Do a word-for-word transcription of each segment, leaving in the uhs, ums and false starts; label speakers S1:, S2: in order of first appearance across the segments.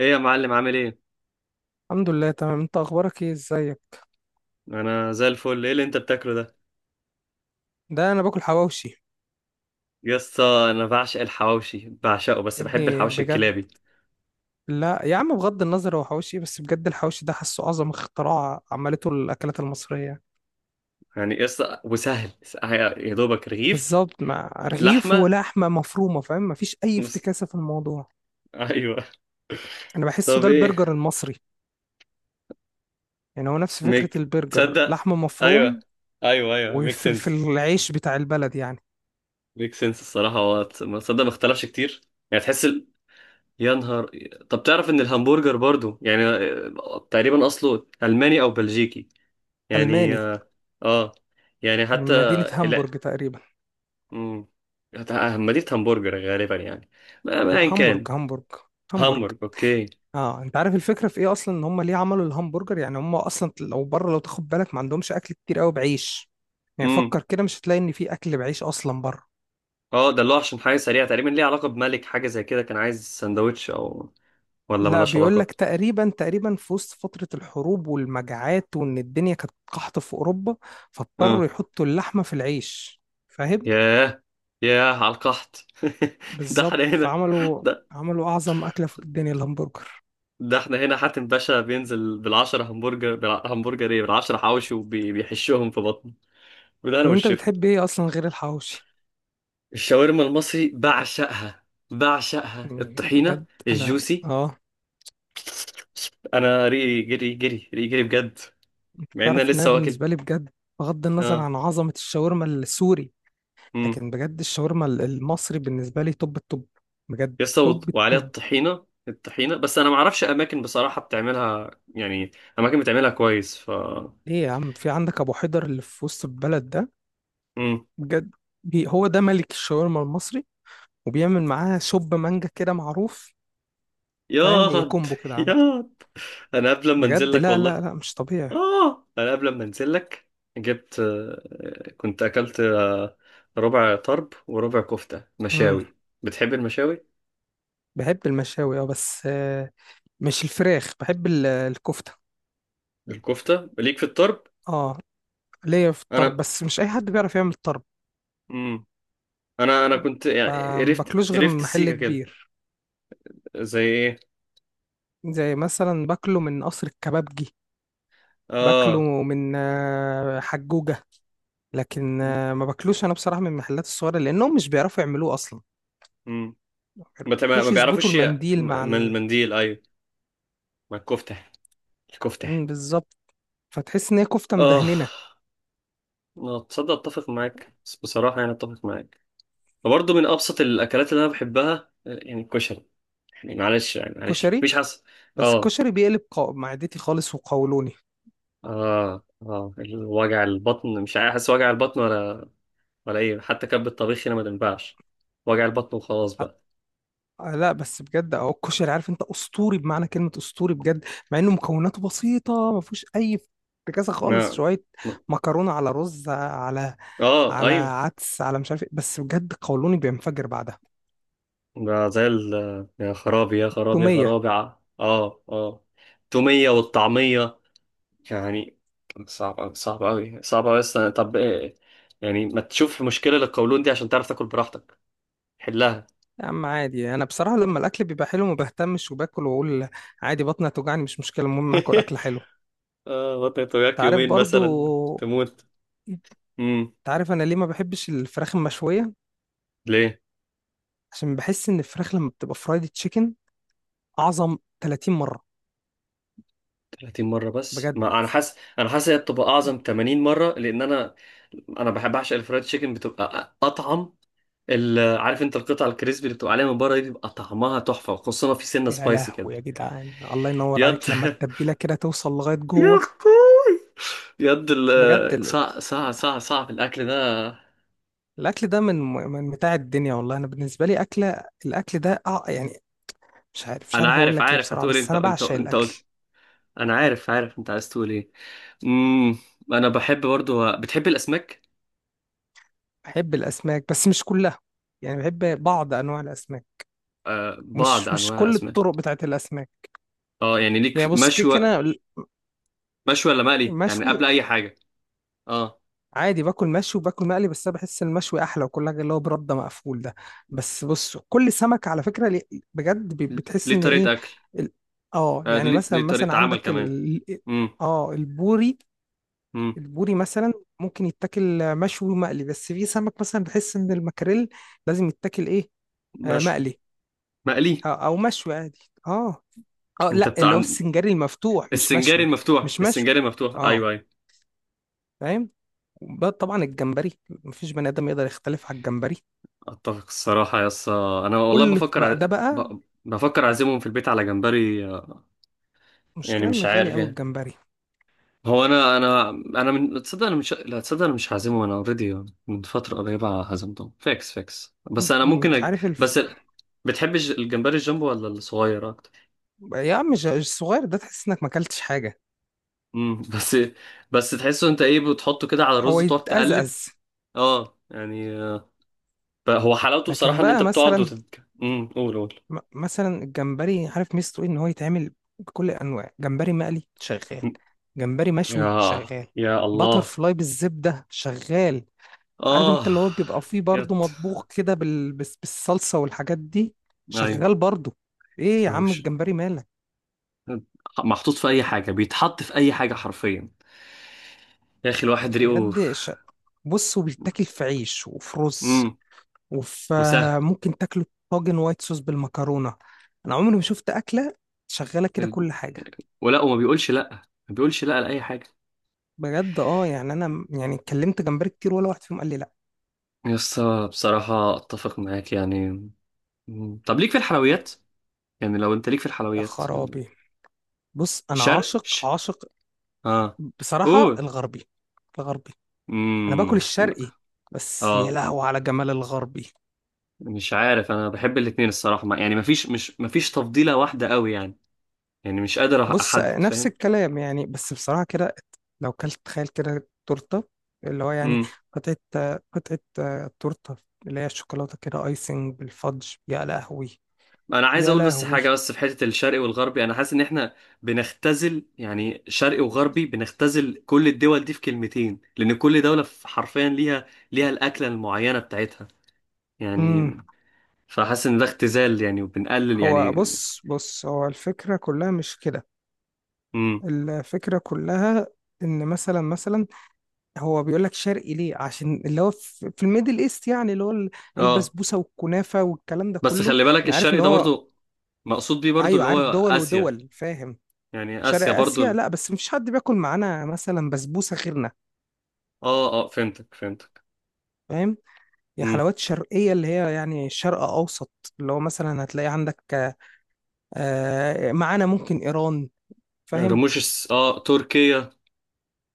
S1: ايه يا معلم؟ عامل ايه؟
S2: الحمد لله، تمام. انت اخبارك ايه؟ ازيك؟
S1: انا زي الفل. ايه اللي انت بتاكله ده؟
S2: ده انا باكل حواوشي.
S1: يسطا انا بعشق الحواوشي بعشقه، بس
S2: يا
S1: بحب
S2: ابني،
S1: الحواوشي
S2: بجد.
S1: الكلابي.
S2: لا يا عم، بغض النظر هو حواوشي إيه، بس بجد الحواوشي ده حاسه اعظم اختراع عملته الاكلات المصريه.
S1: يعني يسطا وسهل. يا دوبك رغيف.
S2: بالظبط، مع رغيف
S1: لحمه
S2: ولحمه مفرومه. فاهم؟ مفيش اي
S1: وس...
S2: افتكاسه في الموضوع.
S1: ايوه.
S2: انا بحسه
S1: طب
S2: ده
S1: ايه؟
S2: البرجر المصري. يعني هو نفس فكره
S1: ميك
S2: البرجر،
S1: تصدق.
S2: لحمه
S1: ايوه،
S2: مفروم
S1: ايوه، ايوه، ميك
S2: وفلفل،
S1: سنس.
S2: العيش بتاع البلد يعني.
S1: ميك سنس الصراحه. هو تص- ما تصدق ما اختلفش كتير. يعني تحس ال... يا نهار. طب تعرف ان الهمبرجر برضو يعني آه، تقريبا اصله الماني او بلجيكي. يعني
S2: الماني.
S1: اه. آه. يعني حتى
S2: من مدينه هامبورج تقريبا.
S1: امم همديت همبرجر غالبا يعني. ما ما
S2: لا،
S1: ايا
S2: هامبورج
S1: كان.
S2: هامبورج. هامبورج.
S1: همبرج، اوكي.
S2: اه، انت عارف الفكره في ايه اصلا؟ ان هم ليه عملوا الهمبرجر؟ يعني هم اصلا لو بره، لو تاخد بالك، ما عندهمش اكل كتير قوي بعيش. يعني
S1: امم
S2: فكر كده، مش هتلاقي ان في اكل بعيش اصلا بره.
S1: اه ده اللي هو عشان حاجه سريعه، تقريبا ليه علاقه بملك، حاجه زي كده كان عايز سندوتش او ولا
S2: لا،
S1: ملهاش
S2: بيقول
S1: علاقه؟
S2: لك تقريبا تقريبا في وسط فتره الحروب والمجاعات، وان الدنيا كانت قحط في اوروبا. فاضطروا
S1: اه.
S2: يحطوا اللحمه في العيش. فاهم؟
S1: ياه! ياه على القحط! ده احنا
S2: بالظبط،
S1: هنا.
S2: فعملوا.
S1: ده
S2: عملوا اعظم اكله في الدنيا، الهمبرجر.
S1: ده احنا هنا حاتم باشا بينزل بالعشرة همبرجر، بالهمبرجر ايه، بالعشرة حواوشي وبيحشهم في بطنه. بالهنا
S2: طب انت
S1: والشفا.
S2: بتحب ايه اصلا غير الحواوشي؟
S1: الشاورما المصري بعشقها. بعشقها
S2: مم،
S1: الطحينة
S2: بجد. انا
S1: الجوسي.
S2: اه
S1: انا ريقي جري جري، ريقي جري بجد. مع ان انا
S2: تعرف ان انا
S1: لسه واكل.
S2: بالنسبه لي بجد، بغض النظر
S1: اه.
S2: عن عظمه الشاورما السوري،
S1: امم
S2: لكن بجد الشاورما ال- المصري بالنسبه لي توب التوب. بجد.
S1: لسه وط-
S2: توب
S1: وعليها
S2: التوب.
S1: الطحينه الطحينه، بس انا ما اعرفش اماكن بصراحه بتعملها يعني. اماكن بتعملها كويس ف.
S2: ليه يا عم؟ في عندك ابو حيدر اللي في وسط البلد ده.
S1: امم
S2: بجد. بي هو ده ملك الشاورما المصري. وبيعمل معاها شوب مانجا كده، معروف. فاهم؟ هي
S1: ياض،
S2: كومبو كده عندك.
S1: ياض. انا قبل ما انزل
S2: بجد،
S1: لك
S2: لا لا
S1: والله.
S2: لا، مش طبيعي.
S1: اه، انا قبل ما انزل لك. جبت آه، كنت اكلت آه، ربع طرب وربع كفته
S2: امم.
S1: مشاوي. بتحب المشاوي؟
S2: بحب المشاوي، اه، بس آه، مش الفراخ، بحب ال- الكفته.
S1: الكفته ليك في الطرب.
S2: اه، ليا في الطرب،
S1: انا
S2: بس مش اي حد بيعرف يعمل طرب.
S1: مم. انا انا كنت يعني قرفت
S2: فمباكلوش غير
S1: قرفت
S2: من محل
S1: السيكه كده.
S2: كبير.
S1: زي ايه؟
S2: زي مثلا باكله من قصر الكبابجي. باكله
S1: اه.
S2: من آه، حجوجة. لكن
S1: م-
S2: آه، ما باكلوش انا بصراحة من المحلات الصغيرة، لانهم مش بيعرفوا يعملوه اصلا.
S1: م. ما ما ما
S2: مفيش يظبطوا
S1: بيعرفوش ي-
S2: المنديل مع
S1: من
S2: ال...
S1: المنديل، ايوه. ما الكفته. الكفته.
S2: مم، بالظبط. فتحس ان هي كفتة
S1: اه.
S2: مدهننة.
S1: آه، تصدق، اتفق معاك بس بصراحه يعني اتفق معاك. وبرضه من ابسط الاكلات اللي انا بحبها آه، يعني الكشري. يعني معلش، يعني معلش
S2: كشري.
S1: مفيش حس.
S2: بس
S1: اه،
S2: الكشري بيقلب قو... معدتي خالص، وقولوني.
S1: اه، اه، الوجع البطن، مش عارف احس وجع البطن، ولا ولا ايه؟ حتى كب الطبيخ هنا ما تنفعش. وجع البطن وخلاص بقى.
S2: آه لا بس بجد اهو الكشري، عارف انت، اسطوري بمعنى كلمة اسطوري، بجد. مع انه مكوناته بسيطة، ما فيهوش اي افتكاسة خالص،
S1: ما
S2: شوية
S1: ما-
S2: مكرونة على رز، على
S1: اه،
S2: على
S1: ايوه.
S2: عدس، على مش عارف ايه، بس بجد قولوني بينفجر بعدها.
S1: ده زي ال. يا خرابي، يا خرابي، يا
S2: تومية.
S1: خرابي، ع- اه، اه. التومية والطعمية. يعني صعب أوي، صعب أوي، صعب أوي، بس طب إيه؟ يعني ما تشوف مشكلة للقولون دي، عشان تعرف تاكل براحتك. حلها.
S2: يا عم عادي، انا بصراحة لما الاكل بيبقى حلو ما بهتمش، وباكل واقول عادي، بطني هتوجعني مش مشكلة، المهم هاكل اكل حلو.
S1: اه، بطنك
S2: انت
S1: توجعك
S2: عارف
S1: يومين مثلا
S2: برضو.
S1: تموت.
S2: انت
S1: امم.
S2: عارف انا ليه ما بحبش الفراخ المشوية؟
S1: ليه؟
S2: عشان بحس ان الفراخ لما بتبقى فرايد تشيكن اعظم ثلاثين مرة.
S1: ثلاثين مرة؟ بس
S2: بجد.
S1: ما أنا حاسس، أنا حاسس هي بتبقى أعظم ثمانين مرة لأن أنا أنا بحب أعشق الفرايد تشيكن بتبقى أطعم. ال- عارف انت القطع الكريسبي اللي بتبقى عليها من بره دي بيبقى طعمها تحفه، خصوصا في سنه
S2: يا
S1: سبايسي كده.
S2: لهوي يا جدعان، الله ينور
S1: يد
S2: عليك، لما التتبيلة كده توصل لغاية
S1: يا
S2: جوه.
S1: اخوي. يد
S2: بجد
S1: ال-
S2: ال-
S1: صع صع صع صعب الاكل ده.
S2: الاكل ده من من متاع الدنيا، والله انا بالنسبة لي اكلة الاكل ده أع- يعني، مش عارف مش
S1: انا
S2: عارف اقول
S1: عارف
S2: لك ايه
S1: عارف
S2: بصراحه،
S1: هتقول إيه،
S2: بس
S1: انت
S2: انا
S1: انت
S2: بعشق
S1: انت قلت.
S2: الاكل.
S1: انا عارف عارف انت عايز تقول ايه. امم انا بحب برضو. بتحب الاسماك؟
S2: بحب الاسماك بس مش كلها. يعني بحب بعض انواع الاسماك.
S1: آه، بعض
S2: مش مش
S1: انواع
S2: كل
S1: الاسماك.
S2: الطرق بتاعت الاسماك.
S1: اه، يعني ليك
S2: يعني
S1: في-
S2: بص،
S1: مشوي.
S2: كيك انا.
S1: مشوي ولا مقلي يعني
S2: مشوي.
S1: قبل اي حاجه؟ اه.
S2: عادي باكل مشوي وباكل مقلي، بس انا بحس المشوي احلى، وكل حاجه اللي هو برده مقفول ده. بس بص، كل سمك على فكره ليه-. بجد ب- بتحس
S1: ليه
S2: ان ايه.
S1: طريقه اكل؟
S2: ال-. اه،
S1: آه،
S2: يعني
S1: ليه
S2: مثلا
S1: ليه
S2: مثلا
S1: طريقه عمل
S2: عندك
S1: كمان.
S2: ال...
S1: امم.
S2: اه، البوري.
S1: امم.
S2: البوري مثلا. ممكن يتاكل مشوي ومقلي، بس في سمك مثلا بحس ان المكاريل لازم يتاكل ايه؟ آه،
S1: مشوي.
S2: مقلي.
S1: مقلي.
S2: أو, او مشوي عادي. اه. اه،
S1: انت
S2: لا، اللي هو
S1: بتاع
S2: السنجاري المفتوح مش
S1: السنجاري
S2: مشوي.
S1: المفتوح،
S2: مش مشوي.
S1: السنجاري المفتوح،
S2: اه.
S1: ايوه، ايوه.
S2: فاهم؟ وبقى طبعا الجمبري، مفيش بني ادم يقدر يختلف على الجمبري.
S1: اتفق الصراحه يا اسطى، انا والله
S2: كل
S1: بفكر
S2: بقى
S1: ع...
S2: ده بقى.
S1: ب... بفكر اعزمهم في البيت على جمبري آه، يعني
S2: مشكلة ان
S1: مش
S2: غالي
S1: عارف
S2: قوي
S1: يعني.
S2: الجمبري.
S1: هو انا انا انا من تصدق انا مش، لا تصدق انا مش هعزمهم، انا اوريدي من فتره قريبه هزمتهم فيكس فيكس، بس انا ممكن
S2: انت
S1: أج...
S2: عارف الف...
S1: بس ال- بتحب الج- الجمبري الجامبو ولا الصغير اكتر؟
S2: يا عم، مش الصغير ده، تحس انك ما اكلتش حاجة.
S1: امم. بس بس تحسه انت ايه؟ بتحطه كده على الرز
S2: هو
S1: وتقعد تقلب.
S2: يتأزأز.
S1: اه، يعني آه، ب- هو حلاوته بصراحه
S2: لكن
S1: ان انت
S2: بقى
S1: بتقعد
S2: مثلا،
S1: وتت... امم، قول، قول.
S2: م- مثلا الجمبري عارف ميزته ايه؟ ان هو يتعمل بكل انواع، جمبري مقلي شغال، جمبري
S1: يا
S2: مشوي شغال،
S1: يا
S2: باتر
S1: الله.
S2: فلاي بالزبدة شغال. عارف انت
S1: اه.
S2: اللي هو بيبقى فيه برضه
S1: يت
S2: مطبوخ كده بال... بس- بالصلصة والحاجات دي،
S1: ايوه.
S2: شغال برضه. ايه يا
S1: أو
S2: عم
S1: ش-
S2: الجمبري مالك؟
S1: محطوط في اي حاجه، بيتحط في اي حاجه حرفيا. يا اخي، الواحد ريقه.
S2: بجد ش... بص، وبيتاكل في عيش وفي رز
S1: امم.
S2: وفي،
S1: وسهل.
S2: ممكن تاكله طاجن وايت صوص بالمكرونة. انا عمري ما شفت أكلة شغالة كده كل حاجة.
S1: ولا وما بيقولش لا. ما بيقولش لا لاي حاجه.
S2: بجد، اه، يعني انا م- يعني اتكلمت جمبري كتير، ولا واحد فيهم قال لي لا.
S1: يس. بصراحه اتفق معاك يعني. مم. طب ليك في الحلويات؟ يعني لو انت ليك في
S2: يا
S1: الحلويات.
S2: خرابي. بص، انا
S1: شرق ش...
S2: عاشق عاشق.
S1: اه.
S2: بصراحة
S1: قول.
S2: الغربي. الغربي. انا باكل
S1: امم.
S2: الشرقي. بس يا
S1: اه.
S2: لهوي على جمال الغربي.
S1: مش عارف، انا بحب الاتنين الصراحه، ما- يعني مفيش، مش مفيش تفضيله واحده قوي يعني. يعني مش قادر
S2: بص،
S1: احدد،
S2: نفس
S1: فاهم؟
S2: الكلام يعني، بس بصراحة كده، لو كلت تخيل كده تورتة، اللي هو يعني
S1: امم.
S2: قطعة قطعة تورتة، اللي هي الشوكولاتة كده، ايسنج بالفادج، يا لهوي.
S1: انا عايز
S2: يا
S1: اقول بس
S2: لهوي.
S1: حاجه، بس في حته الشرقي والغربي، انا حاسس ان احنا بنختزل يعني شرقي وغربي، بنختزل كل الدول دي في كلمتين، لان كل دوله في- حرفيا ليها. ليها الاكله المعينه بتاعتها يعني.
S2: امم.
S1: فحاسس ان ده اختزال يعني، وبنقلل
S2: هو
S1: يعني.
S2: بص بص، هو الفكرة كلها مش كده.
S1: امم.
S2: الفكرة كلها ان مثلا مثلا هو بيقول لك شرقي ليه؟ عشان اللي هو في في الميدل ايست، يعني اللي هو ال-.
S1: اه.
S2: البسبوسة والكنافة والكلام ده
S1: بس
S2: كله.
S1: خلي بالك،
S2: انا عارف ان
S1: الشرقي ده
S2: هو،
S1: برضو مقصود بيه برضو
S2: ايوه،
S1: اللي هو
S2: عارف دول
S1: اسيا.
S2: ودول، فاهم.
S1: يعني
S2: شرق
S1: اسيا برضو
S2: اسيا؟
S1: ال...
S2: لا، بس مفيش حد بياكل معانا مثلا بسبوسه غيرنا.
S1: اه، اه، فهمتك، فهمتك.
S2: فاهم؟ هي
S1: امم.
S2: حلوات شرقيه، اللي هي يعني شرق اوسط. اللي هو مثلا هتلاقي عندك آه، معانا ممكن ايران. فاهم؟
S1: رموش، الس- اه، تركيا.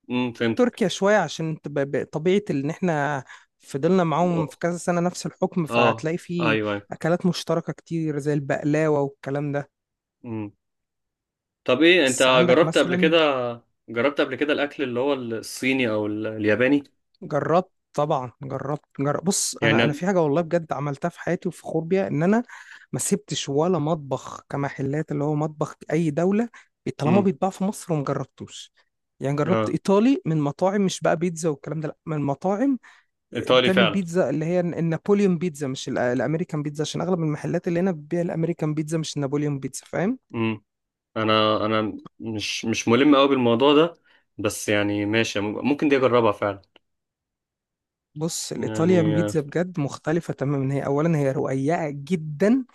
S1: امم، فهمتك.
S2: تركيا شويه عشان تب- ب- طبيعه ان احنا فضلنا معاهم في كذا سنه نفس الحكم،
S1: اه،
S2: فهتلاقي فيه
S1: ايوه، ايوه.
S2: اكلات مشتركه كتير، زي البقلاوه والكلام ده.
S1: مم. طب ايه، انت
S2: بس عندك
S1: جربت قبل
S2: مثلا.
S1: كده؟ جربت قبل كده الاكل اللي هو الصيني او ال- الياباني؟
S2: جربت طبعا، جربت جرب بص
S1: يعني
S2: انا انا
S1: أنا-
S2: في حاجه والله بجد عملتها في حياتي وفخور بيها، ان انا ما سبتش ولا مطبخ كمحلات اللي هو مطبخ اي دوله، طالما
S1: مم.
S2: بيتباع في مصر وما جربتوش. يعني جربت
S1: اه.
S2: ايطالي من مطاعم، مش بقى بيتزا والكلام ده، لا، من مطاعم آه،
S1: ايطالي
S2: بتعمل
S1: فعلا.
S2: بيتزا اللي هي النابوليون بيتزا، مش ال- الامريكان بيتزا، عشان اغلب المحلات اللي هنا بتبيع الامريكان بيتزا مش النابوليون بيتزا. فاهم؟
S1: مم. انا انا مش مش ملم قوي بالموضوع ده. بس يعني ماشي، ممكن دي اجربها فعلا.
S2: بص، الايطاليان
S1: يعني آه،
S2: بيتزا بجد مختلفه تماما. هي اولا هي رقيقه جدا.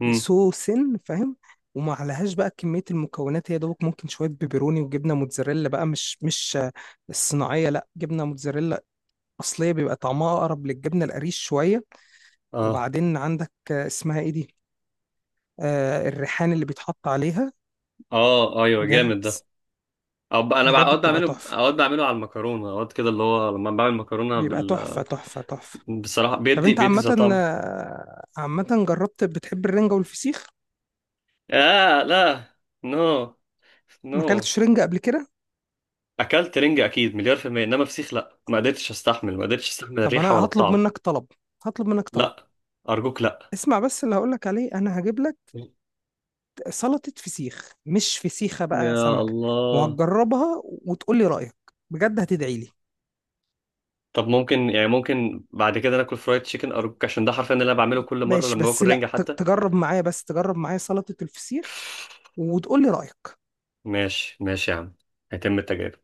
S1: مم.
S2: سو سن، فاهم؟ وما عليهاش بقى كمية المكونات، هي دوبك ممكن شوية بيبروني وجبنة موتزاريلا بقى، مش مش آه، الصناعية لا، جبنة موتزاريلا أصلية، بيبقى طعمها أقرب للجبنة القريش شوية.
S1: اه،
S2: وبعدين عندك آه، اسمها إيه دي؟ آه الريحان اللي بيتحط عليها.
S1: اه، ايوه،
S2: بجد.
S1: جامد ده. أو ب- انا
S2: بجد
S1: اوقات
S2: بتبقى
S1: بعمله،
S2: تحفة.
S1: اوقات بعمله على المكرونه، اوقات كده اللي هو لما بعمل مكرونه
S2: بيبقى
S1: بال.
S2: تحفة تحفة تحفة.
S1: بصراحه
S2: طب
S1: بيدي
S2: أنت
S1: بيدي زي
S2: عامة،
S1: طعم.
S2: آه، عامة جربت؟ بتحب الرنجة والفسيخ؟
S1: اه، لا. نو. نو.
S2: ما أكلتش رنجة قبل كده؟
S1: اكلت رنجة اكيد مليار في المية، انما فسيخ لا، ما قدرتش استحمل، ما قدرتش استحمل
S2: طب
S1: الريحة ولا
S2: أنا هطلب
S1: الطعم.
S2: منك طلب. هطلب منك طلب.
S1: لا. ارجوك لا.
S2: اسمع بس اللي هقولك عليه، أنا هجيب لك سلطة فسيخ، مش فسيخة بقى،
S1: يا
S2: سمك.
S1: الله.
S2: وهتجربها وتقول لي رأيك. بجد هتدعي لي.
S1: طب ممكن يعني، ممكن بعد كده ناكل فرايد تشيكن ارجوك، عشان ده حرفيا اللي انا بعمله كل مرة
S2: ماشي
S1: لما
S2: بس،
S1: باكل
S2: لا،
S1: رنجة
S2: ت-
S1: حتى.
S2: تجرب معايا بس تجرب معايا سلطة الفسيخ. وتقول لي رأيك.
S1: ماشي، ماشي يا عم. هيتم التجارب.